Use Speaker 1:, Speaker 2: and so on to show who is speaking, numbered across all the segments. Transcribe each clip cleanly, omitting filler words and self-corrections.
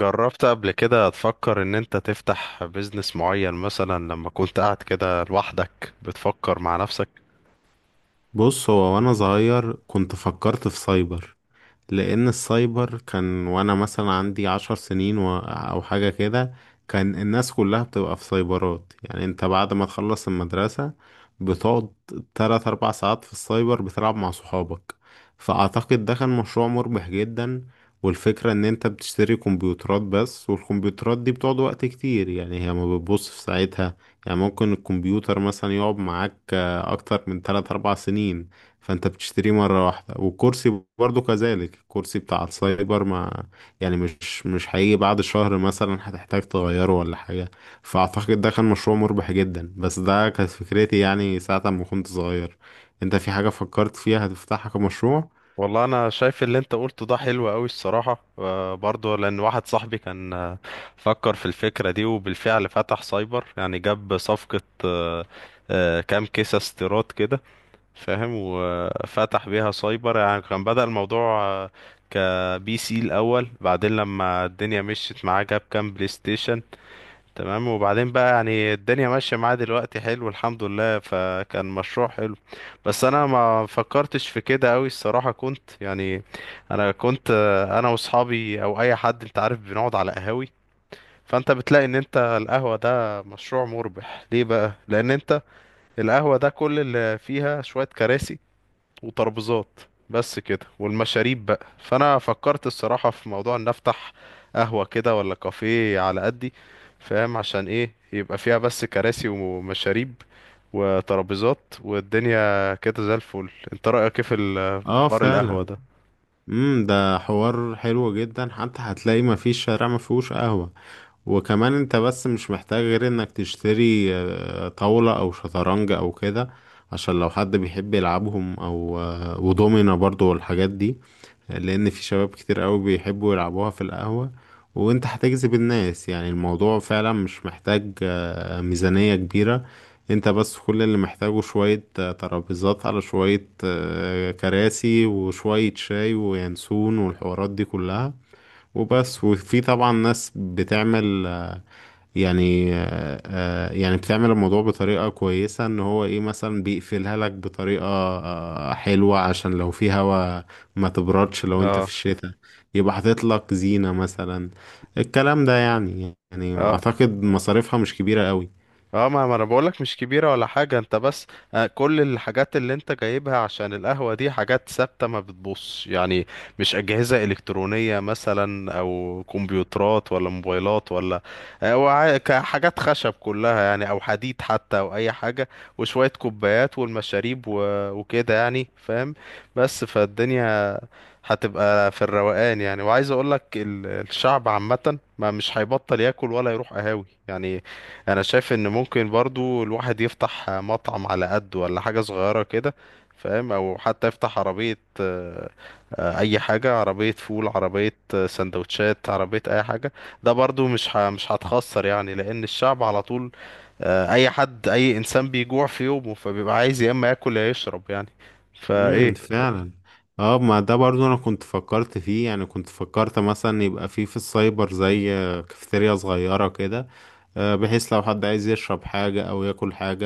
Speaker 1: جربت قبل كده تفكر ان انت تفتح بيزنس معين، مثلا لما كنت قاعد كده لوحدك بتفكر مع نفسك؟
Speaker 2: بص، هو وانا صغير كنت فكرت في سايبر. لان السايبر كان وانا مثلا عندي 10 سنين او حاجة كده. كان الناس كلها بتبقى في سايبرات. يعني انت بعد ما تخلص المدرسة بتقعد تلات اربع ساعات في السايبر بتلعب مع صحابك. فاعتقد ده كان مشروع مربح جدا. والفكرة ان انت بتشتري كمبيوترات بس، والكمبيوترات دي بتقعد وقت كتير. يعني هي ما بتبص في ساعتها. يعني ممكن الكمبيوتر مثلا يقعد معاك اكتر من 3 4 سنين. فانت بتشتريه مرة واحدة، والكرسي برضو كذلك. الكرسي بتاع السايبر ما يعني مش هيجي بعد شهر مثلا هتحتاج تغيره ولا حاجة. فأعتقد ده كان مشروع مربح جدا، بس ده كانت فكرتي يعني ساعة ما كنت صغير. انت في حاجة فكرت فيها هتفتحها كمشروع؟
Speaker 1: والله انا شايف اللي انت قلته ده حلو قوي الصراحة. برضه لان واحد صاحبي كان، فكر في الفكرة دي وبالفعل فتح سايبر. يعني جاب صفقة، كام كيسة استيراد كده، فاهم، وفتح بيها سايبر. يعني كان بدأ الموضوع كبي سي الاول، بعدين لما الدنيا مشيت معاه جاب كام بلاي ستيشن. تمام، وبعدين بقى يعني الدنيا ماشية معاه دلوقتي، حلو الحمد لله، فكان مشروع حلو. بس انا ما فكرتش في كده قوي الصراحة، كنت يعني انا كنت، انا واصحابي او اي حد، انت عارف، بنقعد على قهاوي. فانت بتلاقي ان انت القهوة ده مشروع مربح. ليه بقى؟ لان انت القهوة ده كل اللي فيها شوية كراسي وترابيزات بس كده، والمشاريب بقى. فانا فكرت الصراحة في موضوع ان افتح قهوة كده ولا كافيه على قدي، فاهم، عشان ايه يبقى فيها بس كراسي ومشاريب وترابيزات، والدنيا كده زي الفل. انت رأيك ايه في في
Speaker 2: اه،
Speaker 1: حوار القهوة
Speaker 2: فعلا.
Speaker 1: ده؟
Speaker 2: ده حوار حلو جدا. حتى هتلاقي ما فيش شارع ما فيهوش قهوة. وكمان انت بس مش محتاج غير انك تشتري طاولة او شطرنج او كده. عشان لو حد بيحب يلعبهم او ودومينا برضو والحاجات دي. لان في شباب كتير قوي بيحبوا يلعبوها في القهوة. وانت هتجذب الناس. يعني الموضوع فعلا مش محتاج ميزانية كبيرة. انت بس كل اللي محتاجه شوية ترابيزات على شوية كراسي وشوية شاي وينسون والحوارات دي كلها. وبس. وفي طبعا ناس بتعمل يعني يعني بتعمل الموضوع بطريقة كويسة. ان هو ايه مثلا بيقفلها لك بطريقة حلوة عشان لو في هوا ما تبردش لو انت في
Speaker 1: اه،
Speaker 2: الشتاء. يبقى حاطط لك زينة مثلا. الكلام ده يعني
Speaker 1: اه،
Speaker 2: اعتقد مصاريفها مش كبيرة قوي.
Speaker 1: اه، ما انا بقولك مش كبيرة ولا حاجة. انت بس، كل الحاجات اللي انت جايبها عشان القهوة دي حاجات ثابتة ما بتبص يعني، مش أجهزة إلكترونية مثلا او كمبيوترات ولا موبايلات ولا، حاجات خشب كلها يعني، او حديد حتى، او اي حاجة وشوية كوبايات والمشاريب وكده يعني، فاهم. بس فالدنيا هتبقى في الروقان يعني. وعايز اقولك الشعب عامة ما مش هيبطل ياكل ولا يروح قهاوي يعني. انا شايف ان ممكن برضو الواحد يفتح مطعم على قد ولا حاجة صغيرة كده، فاهم، او حتى يفتح عربية، اي حاجة، عربية فول، عربية سندوتشات، عربية اي حاجة. ده برضو مش هتخسر يعني، لان الشعب على طول، اي حد، اي انسان بيجوع في يومه، فبيبقى عايز يا اما ياكل يا يشرب يعني، فايه.
Speaker 2: فعلا. اه، ما ده برضو انا كنت فكرت فيه. يعني كنت فكرت مثلا يبقى فيه في السايبر زي كافيتيريا صغيرة كده. بحيث لو حد عايز يشرب حاجة أو ياكل حاجة،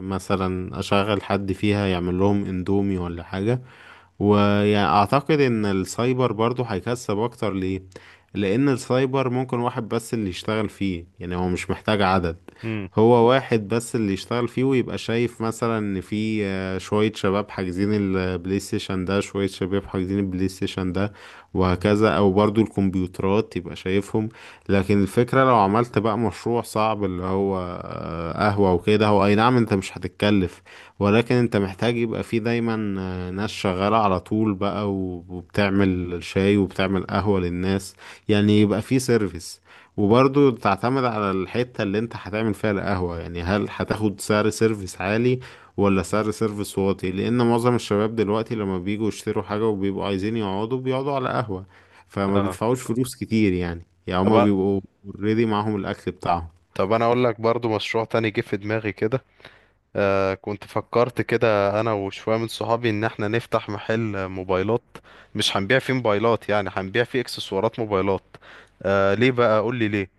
Speaker 2: مثلا أشغل حد فيها يعمل لهم اندومي ولا حاجة. ويعني اعتقد ان السايبر برضو هيكسب اكتر. ليه؟ لان السايبر ممكن واحد بس اللي يشتغل فيه. يعني هو مش محتاج عدد.
Speaker 1: امم.
Speaker 2: هو واحد بس اللي يشتغل فيه ويبقى شايف مثلا ان في شوية شباب حاجزين البلاي ستيشن ده، شوية شباب حاجزين البلاي ستيشن ده، وهكذا. او برضو الكمبيوترات يبقى شايفهم. لكن الفكرة لو عملت بقى مشروع صعب، اللي هو قهوة وكده، هو اي نعم انت مش هتتكلف. ولكن انت محتاج يبقى فيه دايما ناس شغالة على طول بقى و- وبتعمل شاي وبتعمل قهوة للناس. يعني يبقى في سيرفيس. وبرضو تعتمد على الحتة اللي انت هتعمل فيها القهوة. يعني هل هتاخد سعر سيرفيس عالي ولا سعر سيرفيس واطي؟ لان معظم الشباب دلوقتي لما بييجوا يشتروا حاجة وبيبقوا عايزين يقعدوا بيقعدوا على قهوة فما
Speaker 1: اه.
Speaker 2: بيدفعوش فلوس كتير. يعني
Speaker 1: طب
Speaker 2: هما بيبقوا اوريدي معاهم الاكل بتاعهم.
Speaker 1: طب انا اقول لك برضو مشروع تاني جه في دماغي كده. آه، كنت فكرت كده انا وشويه من صحابي ان احنا نفتح محل موبايلات. مش هنبيع فيه موبايلات، يعني هنبيع فيه اكسسوارات موبايلات. آه، ليه بقى؟ قول لي ليه.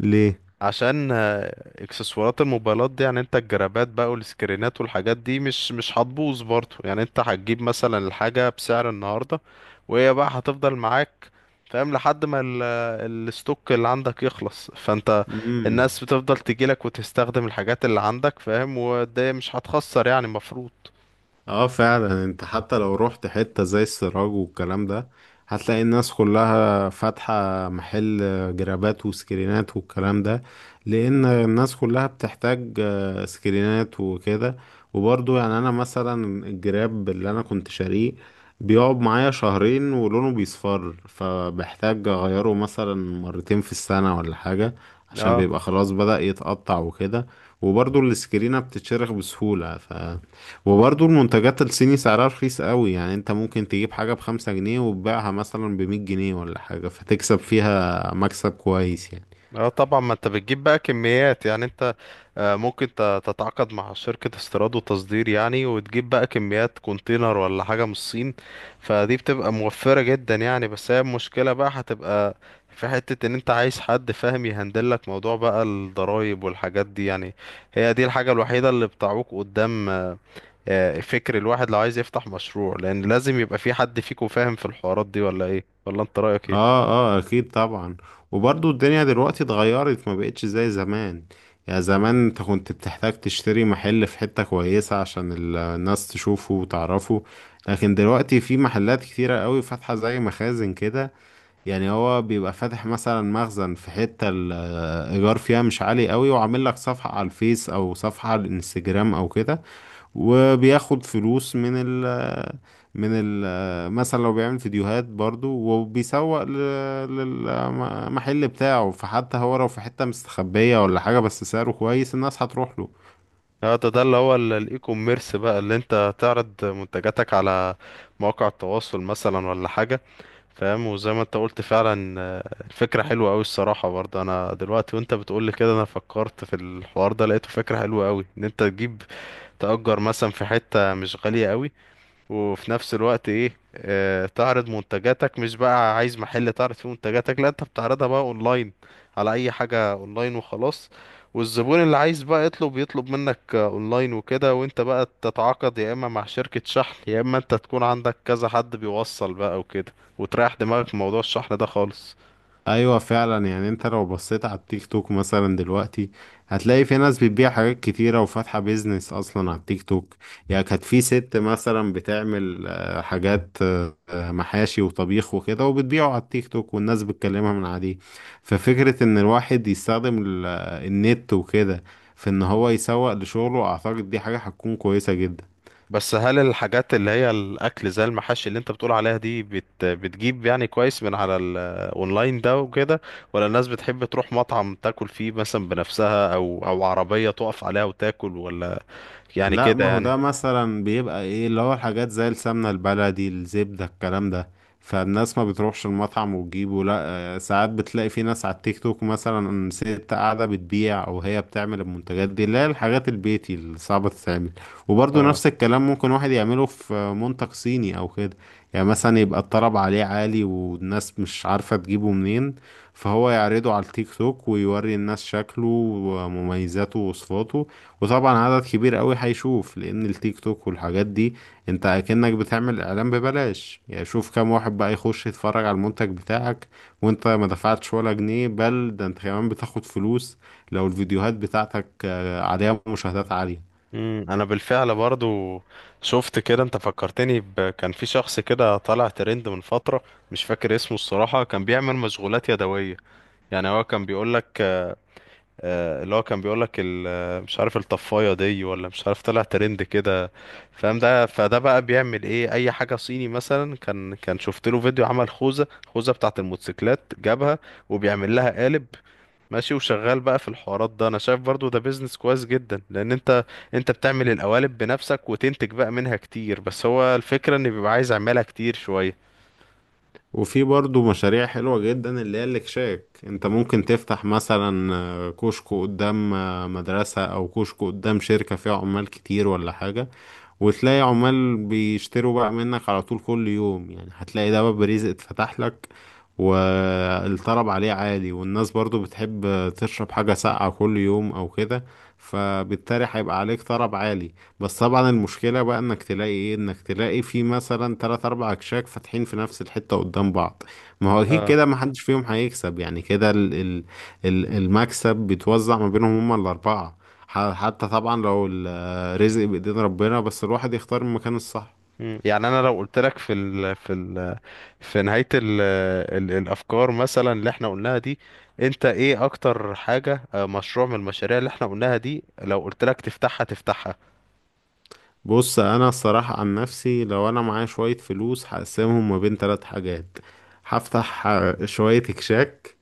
Speaker 2: ليه؟
Speaker 1: عشان، اكسسوارات الموبايلات دي يعني، انت الجرابات بقى والسكرينات والحاجات دي مش هتبوظ برضه يعني، انت هتجيب مثلا الحاجة بسعر النهاردة، وهي بقى هتفضل معاك فاهم، لحد ما الستوك اللي عندك يخلص، فانت
Speaker 2: مم.
Speaker 1: الناس بتفضل تجيلك وتستخدم الحاجات اللي عندك، فاهم، وده مش هتخسر يعني مفروض.
Speaker 2: اه، فعلا. انت حتى لو رحت حتة زي السراج والكلام ده هتلاقي الناس كلها فاتحة محل جرابات وسكرينات والكلام ده. لان الناس كلها بتحتاج سكرينات وكده. وبرضو يعني انا مثلا الجراب اللي انا كنت شاريه بيقعد معايا شهرين ولونه بيصفر، فبحتاج اغيره مثلا مرتين في السنة ولا حاجة عشان
Speaker 1: آه.
Speaker 2: بيبقى خلاص بدأ يتقطع وكده. وبرضو السكرينة بتتشرخ بسهولة. وبرضه المنتجات الصيني سعرها رخيص قوي. يعني انت ممكن تجيب حاجة بـ5 جنيه وتبيعها مثلا بـ100 جنيه ولا حاجة فتكسب فيها مكسب كويس يعني.
Speaker 1: اه طبعا، ما انت بتجيب بقى كميات يعني. انت، ممكن تتعاقد مع شركة استيراد وتصدير يعني، وتجيب بقى كميات كونتينر ولا حاجة من الصين، فدي بتبقى موفرة جدا يعني. بس هي المشكلة بقى هتبقى في حتة ان انت عايز حد فاهم يهندلك موضوع بقى الضرايب والحاجات دي يعني. هي دي الحاجة الوحيدة اللي بتعوق قدام فكر الواحد لو عايز يفتح مشروع، لان لازم يبقى في حد فيكم فاهم في الحوارات دي، ولا ايه؟ ولا انت رأيك ايه؟
Speaker 2: اه، اه، اكيد طبعا. وبرضه الدنيا دلوقتي اتغيرت، ما بقتش زي زمان. يعني زمان انت كنت بتحتاج تشتري محل في حتة كويسة عشان الناس تشوفه وتعرفه. لكن دلوقتي في محلات كتيرة قوي فاتحة زي مخازن كده. يعني هو بيبقى فاتح مثلا مخزن في حتة الإيجار فيها مش عالي قوي، وعامل لك صفحة على الفيس أو صفحة على الانستجرام أو كده. وبياخد فلوس من ال من ال مثلا لو بيعمل فيديوهات برضو وبيسوق للمحل بتاعه. فحتى هو لو في حتة مستخبية ولا حاجة بس سعره كويس الناس هتروح له.
Speaker 1: اه. ده اللي هو الاي كوميرس بقى، اللي انت تعرض منتجاتك على مواقع التواصل مثلا ولا حاجة، فاهم. وزي ما انت قلت فعلا، الفكرة حلوة قوي الصراحة. برضه انا دلوقتي وانت بتقولي كده انا فكرت في الحوار ده، لقيته فكرة حلوة قوي، ان انت تجيب تأجر مثلا في حتة مش غالية قوي، وفي نفس الوقت ايه، تعرض منتجاتك. مش بقى عايز محل تعرض فيه منتجاتك، لا انت بتعرضها بقى اونلاين، على اي حاجة اونلاين وخلاص. والزبون اللي عايز بقى يطلب، منك، اونلاين وكده، وانت بقى تتعاقد يا اما مع شركة شحن يا اما انت تكون عندك كذا حد بيوصل بقى وكده، وتريح دماغك من موضوع الشحن ده خالص.
Speaker 2: ايوه، فعلا. يعني انت لو بصيت على التيك توك مثلا دلوقتي هتلاقي في ناس بتبيع حاجات كتيرة وفاتحة بيزنس اصلا على التيك توك. يعني كانت في ست مثلا بتعمل حاجات محاشي وطبيخ وكده وبتبيعه على التيك توك والناس بتكلمها من عليه. ففكرة ان الواحد يستخدم النت وكده في ان هو يسوق لشغله، اعتقد دي حاجة هتكون كويسة جدا.
Speaker 1: بس هل الحاجات اللي هي الاكل زي المحاشي اللي انت بتقول عليها دي بتجيب يعني كويس من على الاونلاين ده وكده، ولا الناس بتحب تروح مطعم تاكل فيه مثلا بنفسها، او عربية تقف عليها وتاكل، ولا يعني
Speaker 2: لا،
Speaker 1: كده
Speaker 2: ما هو
Speaker 1: يعني.
Speaker 2: ده مثلا بيبقى ايه، اللي هو الحاجات زي السمنة البلدي الزبدة الكلام ده. فالناس ما بتروحش المطعم وتجيبه لا. ساعات بتلاقي في ناس على التيك توك مثلا ست قاعدة بتبيع، او هي بتعمل المنتجات دي اللي هي الحاجات البيتي اللي صعبة تتعمل. وبرضه
Speaker 1: اه.
Speaker 2: نفس الكلام ممكن واحد يعمله في منتج صيني او كده. يعني مثلا يبقى الطلب عليه عالي والناس مش عارفة تجيبه منين، فهو يعرضه على التيك توك ويوري الناس شكله ومميزاته ووصفاته. وطبعا عدد كبير قوي هيشوف. لان التيك توك والحاجات دي انت اكنك بتعمل اعلان ببلاش. يعني شوف كام واحد بقى يخش يتفرج على المنتج بتاعك وانت ما دفعتش ولا جنيه. بل ده انت كمان بتاخد فلوس لو الفيديوهات بتاعتك عليها مشاهدات عالية.
Speaker 1: امم، انا بالفعل برضو شفت كده. انت فكرتني كان في شخص كده طالع ترند من فترة، مش فاكر اسمه الصراحة، كان بيعمل مشغولات يدوية. يعني هو كان بيقولك، آه، اللي هو كان بيقولك ال- آه، مش عارف الطفاية دي، ولا مش عارف طلع ترند كده، فاهم. ده فده بقى بيعمل ايه؟ اي حاجة صيني مثلا، كان شفت له فيديو عمل خوذة بتاعة الموتوسيكلات، جابها وبيعمل لها قالب ماشي، وشغال بقى في الحوارات ده. انا شايف برضو ده بيزنس كويس جدا، لان انت بتعمل القوالب بنفسك وتنتج بقى منها كتير. بس هو الفكرة ان بيبقى عايز اعملها كتير شوية.
Speaker 2: وفي برضو مشاريع حلوة جدا اللي هي الاكشاك. انت ممكن تفتح مثلا كشك قدام مدرسة، او كشك قدام شركة فيها عمال كتير ولا حاجة. وتلاقي عمال بيشتروا بقى منك على طول كل يوم. يعني هتلاقي ده باب رزق اتفتح لك. والطلب عليه عالي والناس برضو بتحب تشرب حاجة ساقعة كل يوم أو كده، فبالتالي هيبقى عليك طلب عالي. بس طبعا المشكلة بقى انك تلاقي في مثلا تلات اربع اكشاك فاتحين في نفس الحتة قدام بعض. ما هو اكيد
Speaker 1: اه.
Speaker 2: كده محدش فيهم هيكسب يعني كده المكسب بيتوزع ما بينهم هما الاربعة. حتى طبعا لو رزق بإيدين ربنا، بس الواحد يختار المكان الصح.
Speaker 1: مم. يعني انا لو قلت لك في ال في ال في نهاية ال ال الأفكار مثلا اللي احنا قلناها دي، انت ايه أكتر حاجة، مشروع من المشاريع اللي احنا قلناها دي، لو قلت لك تفتحها تفتحها؟
Speaker 2: بص، انا الصراحة عن نفسي لو انا معايا شوية فلوس هقسمهم ما بين ثلاث حاجات. هفتح شوية كشاك،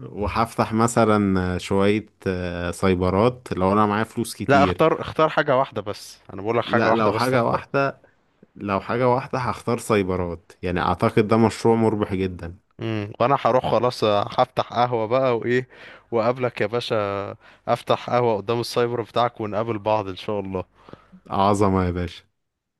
Speaker 2: وهفتح مثلا شوية سايبرات لو انا معايا فلوس
Speaker 1: لا،
Speaker 2: كتير.
Speaker 1: اختار، حاجة واحدة بس، أنا بقول لك حاجة
Speaker 2: لا،
Speaker 1: واحدة
Speaker 2: لو
Speaker 1: بس
Speaker 2: حاجة
Speaker 1: تختارها.
Speaker 2: واحدة، هختار سايبرات. يعني اعتقد ده مشروع مربح جدا.
Speaker 1: امم، وأنا هروح خلاص. هفتح قهوة بقى، وإيه، وأقابلك يا باشا. أفتح قهوة قدام السايبر بتاعك، ونقابل بعض إن شاء الله.
Speaker 2: عظمة يا باشا.